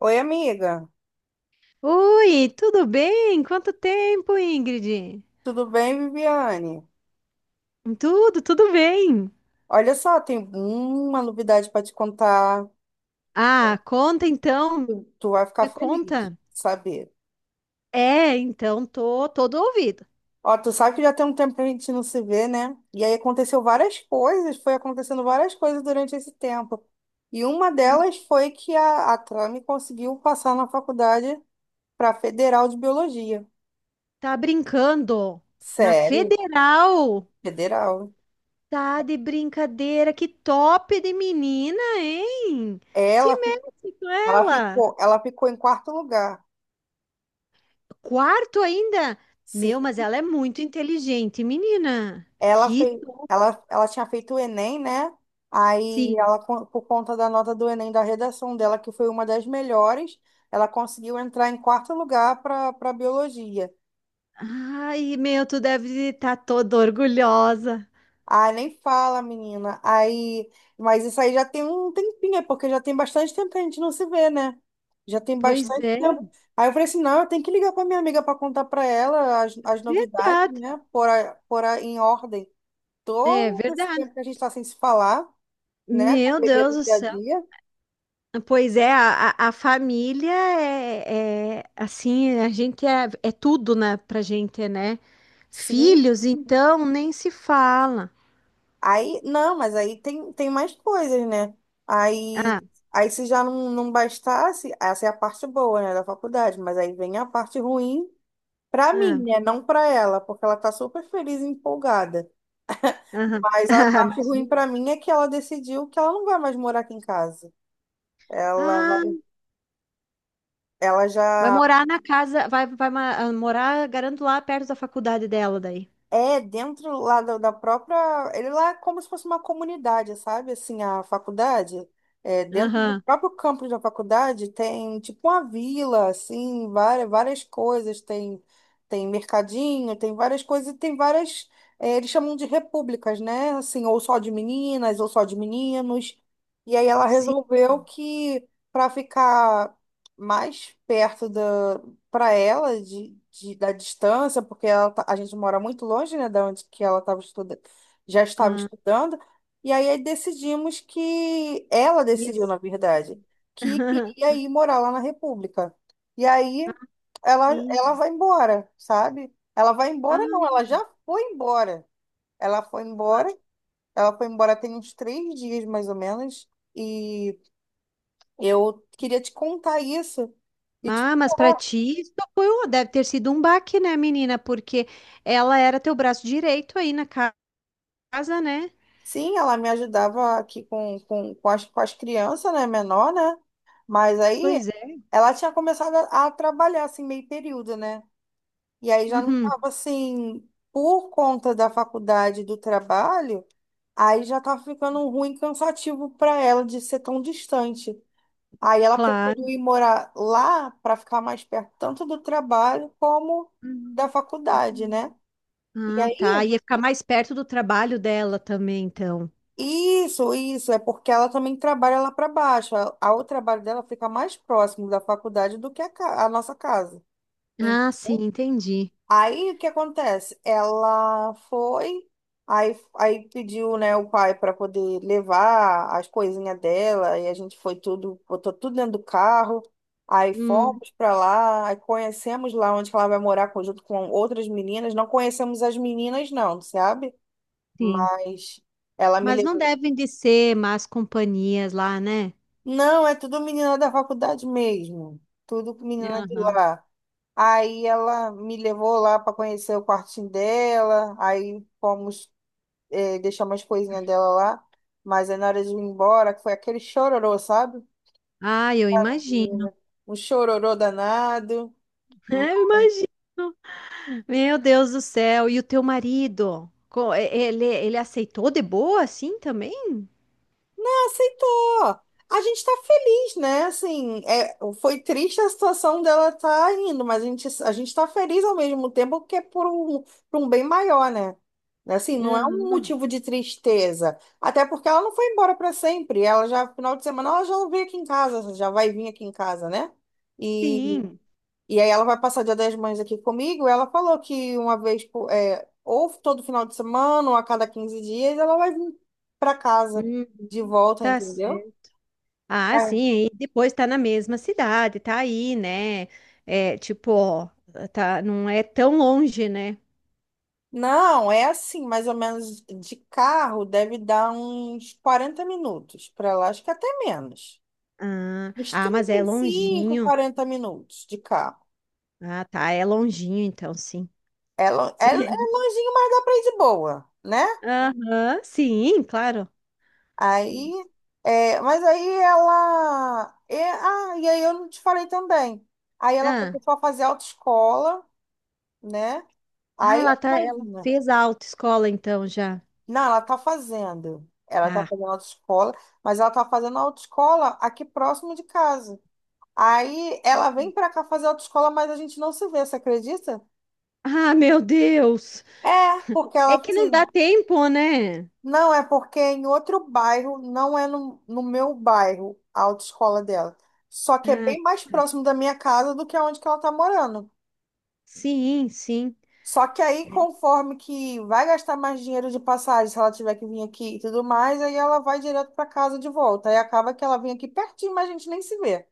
Oi, amiga. Oi, tudo bem? Quanto tempo, Ingrid? Tudo bem, Viviane? Tudo bem. Olha só, tem uma novidade para te contar. Ah, conta então, Tu vai ficar me feliz, conta. de saber. É, então tô todo ouvido. Ó, tu sabe que já tem um tempo que a gente não se vê, né? E aí aconteceu várias coisas, foi acontecendo várias coisas durante esse tempo. E uma Hum. delas foi que a Trame conseguiu passar na faculdade para Federal de Biologia. Tá brincando na Sério, Federal? Federal. Tá de brincadeira, que top de menina, hein? Te Ela, fi- mete com ela. Ela ficou em quarto lugar. Quarto ainda? Meu, Sim. mas ela é muito inteligente, menina. Ela Que fez, top. ela tinha feito o Enem, né? Aí Sim. Por conta da nota do Enem, da redação dela, que foi uma das melhores, ela conseguiu entrar em quarto lugar para para biologia. Ai, meu, tu deve estar toda orgulhosa. Ah, nem fala, menina. Aí, mas isso aí já tem um tempinho, é porque já tem bastante tempo que a gente não se vê, né? Já tem Pois bastante é, tempo. Aí eu falei assim, não, eu tenho que ligar para minha amiga para contar para ela as novidades, verdade. né? Em ordem. É Todo esse verdade. tempo que a gente está sem se falar, né? Meu Correria Deus do do dia a céu. dia, Pois é, a família é, assim, a gente é tudo, né, pra gente, né? sim. Filhos, então, nem se fala. Aí, não, mas aí tem, tem mais coisas, né? Aí, Ah, aí se já não bastasse, essa é a parte boa, né, da faculdade, mas aí vem a parte ruim pra mim, ah, né? Não pra ela, porque ela tá super feliz e empolgada. aham. Mas a Ah, parte ruim imagina. pra mim é que ela decidiu que ela não vai mais morar aqui em casa. Ela vai, Ah, ela vai já... morar na casa, morar, garanto, lá perto da faculdade dela daí. É, dentro lá da própria. Ele lá é como se fosse uma comunidade, sabe? Assim, a faculdade. É, dentro do Aham. próprio campus da faculdade tem tipo uma vila, assim, várias coisas. Tem, tem mercadinho, tem várias coisas, e tem várias. É, eles chamam de repúblicas, né? Assim, ou só de meninas, ou só de meninos. E aí ela Sim. resolveu que para ficar mais perto para ela da distância, porque ela tá... a gente mora muito longe, né, da onde que ela estava estudando, já estava Ah, estudando, e aí decidimos que ela decidiu, yes. na verdade, que queria ir morar lá na República. E aí ela vai embora, sabe? Ela vai embora, não, Ah, ela já foi embora. Ela foi ma- embora, ela foi embora tem uns 3 dias mais ou menos, e eu queria te contar isso. E tipo... mas pra ti isso deve ter sido um baque, né, menina? Porque ela era teu braço direito aí casa, né? Sim, ela me ajudava aqui com as crianças, né, menor, né? Mas aí Pois é. ela tinha começado a trabalhar, assim, meio período, né? E aí já não Uhum, estava, assim, por conta da faculdade, do trabalho, aí já estava ficando ruim, cansativo para ela de ser tão distante. Aí ela claro. preferiu ir morar lá para ficar mais perto, tanto do trabalho como Uhum. da faculdade, né? E Ah, tá. aí. Ia ficar mais perto do trabalho dela também, então. Isso, é porque ela também trabalha lá para baixo. O trabalho dela fica mais próximo da faculdade do que a nossa casa. Ah, sim, Então, entendi. aí o que acontece? Ela foi, aí, aí pediu, né, o pai para poder levar as coisinhas dela, e a gente foi tudo, botou tudo dentro do carro. Aí Hum, fomos para lá, aí conhecemos lá onde que ela vai morar junto com outras meninas. Não conhecemos as meninas, não, sabe? sim. Mas ela me Mas não levou. devem de ser más companhias lá, né? Não, é tudo menina da faculdade mesmo. Tudo com menina de Aham. lá. Aí ela me levou lá para conhecer o quartinho dela. Aí fomos deixar umas coisinhas dela lá. Mas aí na hora de ir embora, que foi aquele chororô, sabe? Ah, eu imagino. Menina, um chororô danado. Eu imagino. Meu Deus do céu, e o teu marido? Ele, ele aceitou de boa assim também? Aceitou. A gente tá feliz, né? Assim, é, foi triste a situação dela tá indo, mas a gente tá feliz ao mesmo tempo porque é por um bem maior, né? Assim, não é um Aham. motivo de tristeza. Até porque ela não foi embora para sempre. Ela já, final de semana, ela já veio aqui em casa, já vai vir aqui em casa, né? Sim. E aí ela vai passar Dia das Mães aqui comigo. Ela falou que uma vez, é, ou todo final de semana, ou a cada 15 dias, ela vai vir para casa Hum, de volta, tá entendeu? certo. Ah, É. sim, e depois tá na mesma cidade, tá aí, né? É, tipo, ó, tá, não é tão longe, né? Não, é assim, mais ou menos de carro deve dar uns 40 minutos para lá, acho que até menos. Ah, Uns ah, mas trinta é e cinco longinho. quarenta minutos de carro. Ah, tá, é longinho então, sim. É, é, é longinho, mas dá para ir de boa, né? Aham, sim, claro. Aí, é, mas aí ela... é, ah, e aí eu não te falei também. Aí ela Ah, começou a fazer autoescola, né? ah, Aí, ela imagina. fez a autoescola então já. Não, ela tá fazendo. Ela tá Ah, fazendo autoescola, mas ela tá fazendo autoescola aqui próximo de casa. Aí ela vem pra cá fazer autoescola, mas a gente não se vê, você acredita? ah, meu Deus! É, porque ela, É que não dá assim... tempo, né? Não, é porque é em outro bairro, não é no meu bairro, a autoescola dela. Só que é Ah, bem mais próximo da minha casa do que onde que ela tá morando. sim, sim. Só que aí, conforme que vai gastar mais dinheiro de passagem, se ela tiver que vir aqui e tudo mais, aí ela vai direto para casa de volta. Aí acaba que ela vem aqui pertinho, mas a gente nem se vê.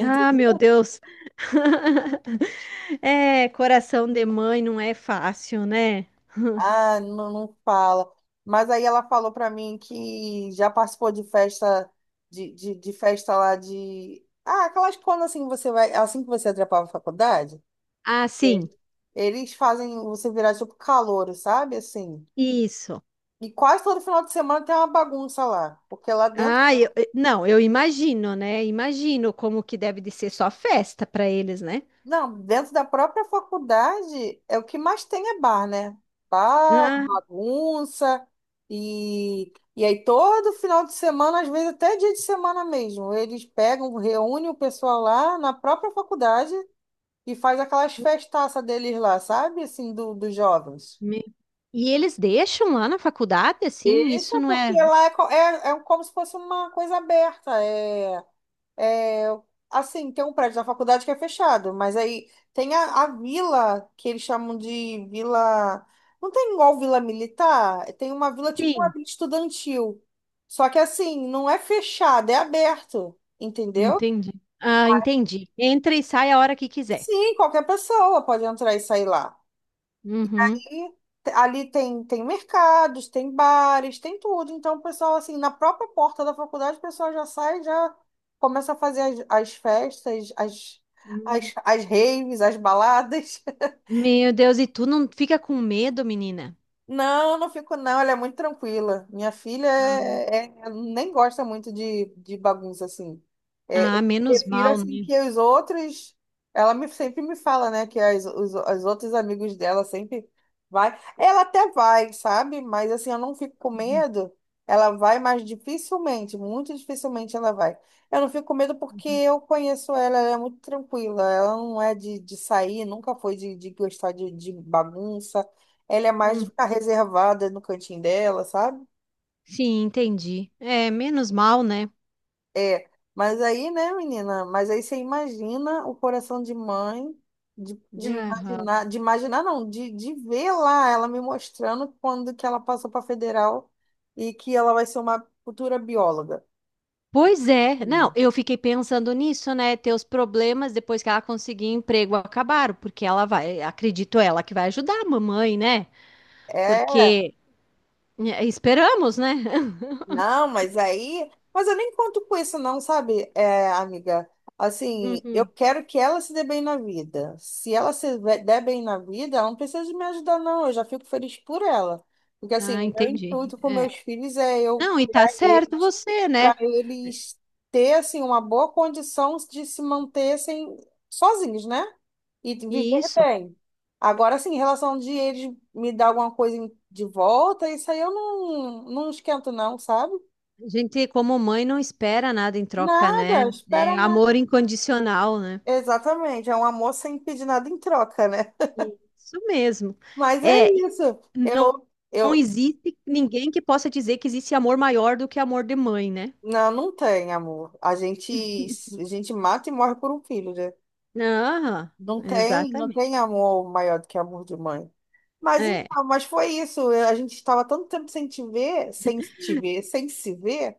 Ah, meu Deus. É, coração de mãe não é fácil, né? Ah, não fala. Mas aí ela falou pra mim que já participou de festa, de festa lá de... Ah, aquelas quando assim você vai, é assim que você atrapalha a faculdade. Ah, É. sim, Eles fazem você virar tipo calouro, sabe? Assim. isso. E quase todo final de semana tem uma bagunça lá. Porque lá dentro... Não, eu imagino, né? Imagino como que deve de ser só festa para eles, né? Não, dentro da própria faculdade, é o que mais tem é bar, né? Bar, Ah, bagunça, e aí todo final de semana, às vezes até dia de semana mesmo, eles pegam, reúnem o pessoal lá na própria faculdade e faz aquelas festaças deles lá, sabe? Assim, do, dos jovens. me- e eles deixam lá na faculdade, assim? Isso Deixa, não porque é. lá é, é, é como se fosse uma coisa aberta, é. É, assim, tem um prédio da faculdade que é fechado, mas aí tem a vila, que eles chamam de vila. Não tem igual vila militar, é, tem uma vila tipo uma Sim, vila estudantil. Só que assim, não é fechado, é aberto, entendeu? entendi. Ah, entendi. Entra e sai a hora que quiser. Sim, qualquer pessoa pode entrar e sair lá. E Uhum. aí, ali tem, tem mercados, tem bares, tem tudo. Então, o pessoal, assim, na própria porta da faculdade, o pessoal já sai, já começa a fazer as raves, as baladas. Meu Deus, e tu não fica com medo, menina? Não, não fico não, ela é muito tranquila. Minha filha Ah, é, nem gosta muito de bagunça assim. É, ah, eu menos prefiro mal, assim né? que os outros, ela me, sempre me fala, né, que os outros amigos dela sempre vai. Ela até vai, sabe? Mas assim, eu não fico com Uhum, medo. Ela vai, mas dificilmente, muito dificilmente ela vai. Eu não fico com medo porque uhum. eu conheço ela, ela é muito tranquila. Ela não é de sair, nunca foi de gostar de bagunça. Ela é mais de Hum, ficar reservada no cantinho dela, sabe? sim, entendi. É, menos mal, né? É. Mas aí, né, menina? Mas aí você imagina o coração de mãe, Aham. De imaginar não, de ver lá ela me mostrando quando que ela passou para federal e que ela vai ser uma futura bióloga. E, Pois é. Não, menina, eu fiquei pensando nisso, né? Teus problemas depois que ela conseguir emprego acabaram, porque ela vai, acredito ela que vai ajudar a mamãe, né? Porque é, esperamos, né? não, mas aí... Mas eu nem conto com isso, não, sabe, é, amiga? Assim, eu Uhum. quero que ela se dê bem na vida. Se ela se ve- der bem na vida, ela não precisa de me ajudar, não. Eu já fico feliz por ela. Porque, assim, Ah, o meu entendi. intuito com meus filhos é eu Não, e tá criar certo eles você, para né? eles ter, assim, uma boa condição de se manter sem, sozinhos, né? E de E viver isso. bem. Agora, assim, em relação de eles me dar alguma coisa de volta, isso aí eu não esquento, não, sabe? A gente, como mãe, não espera nada em troca, Nada, né? É espera nada. amor incondicional, né? Exatamente, é um amor sem pedir nada em troca, né? Isso mesmo. Mas é É, isso. não, Eu, não eu, existe ninguém que possa dizer que existe amor maior do que amor de mãe, né? não, não tem amor. A gente mata e morre por um filho, né? Ah, Não tem, não exatamente. tem amor maior do que amor de mãe. Mas É, então, mas foi isso. A gente estava tanto tempo sem se ver,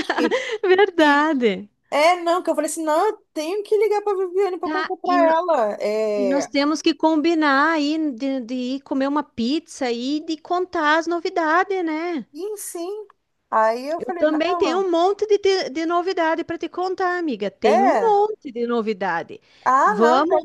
que, que- verdade. é, não, que eu falei assim, não, eu tenho que ligar para Viviane para Tá, contar e, para no- ela. e nós É, temos que combinar aí de ir comer uma pizza e de contar as novidades, né? e sim. Aí eu Eu falei, também tenho não, um monte de novidade para te contar, amiga. Tem um é. monte de novidade. Ah, não, então Vamos,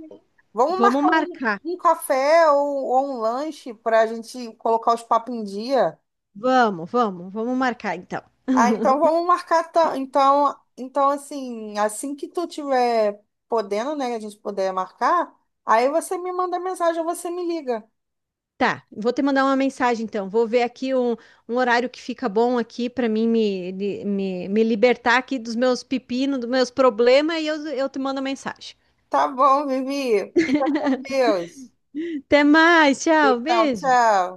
vamos vamos marcar um, marcar. um café ou um lanche para a gente colocar os papos em dia. Vamos marcar então. Ah, então vamos marcar. Então, então, assim, assim que tu tiver podendo, né, que a gente puder marcar, aí você me manda mensagem ou você me liga. Tá, vou te mandar uma mensagem então. Vou ver aqui um, um horário que fica bom aqui para mim me, me libertar aqui dos meus pepinos, dos meus problemas e eu te mando mensagem. Tá bom, Vivi. Fica com Deus. Até mais, tchau, Tchau, beijo. tchau.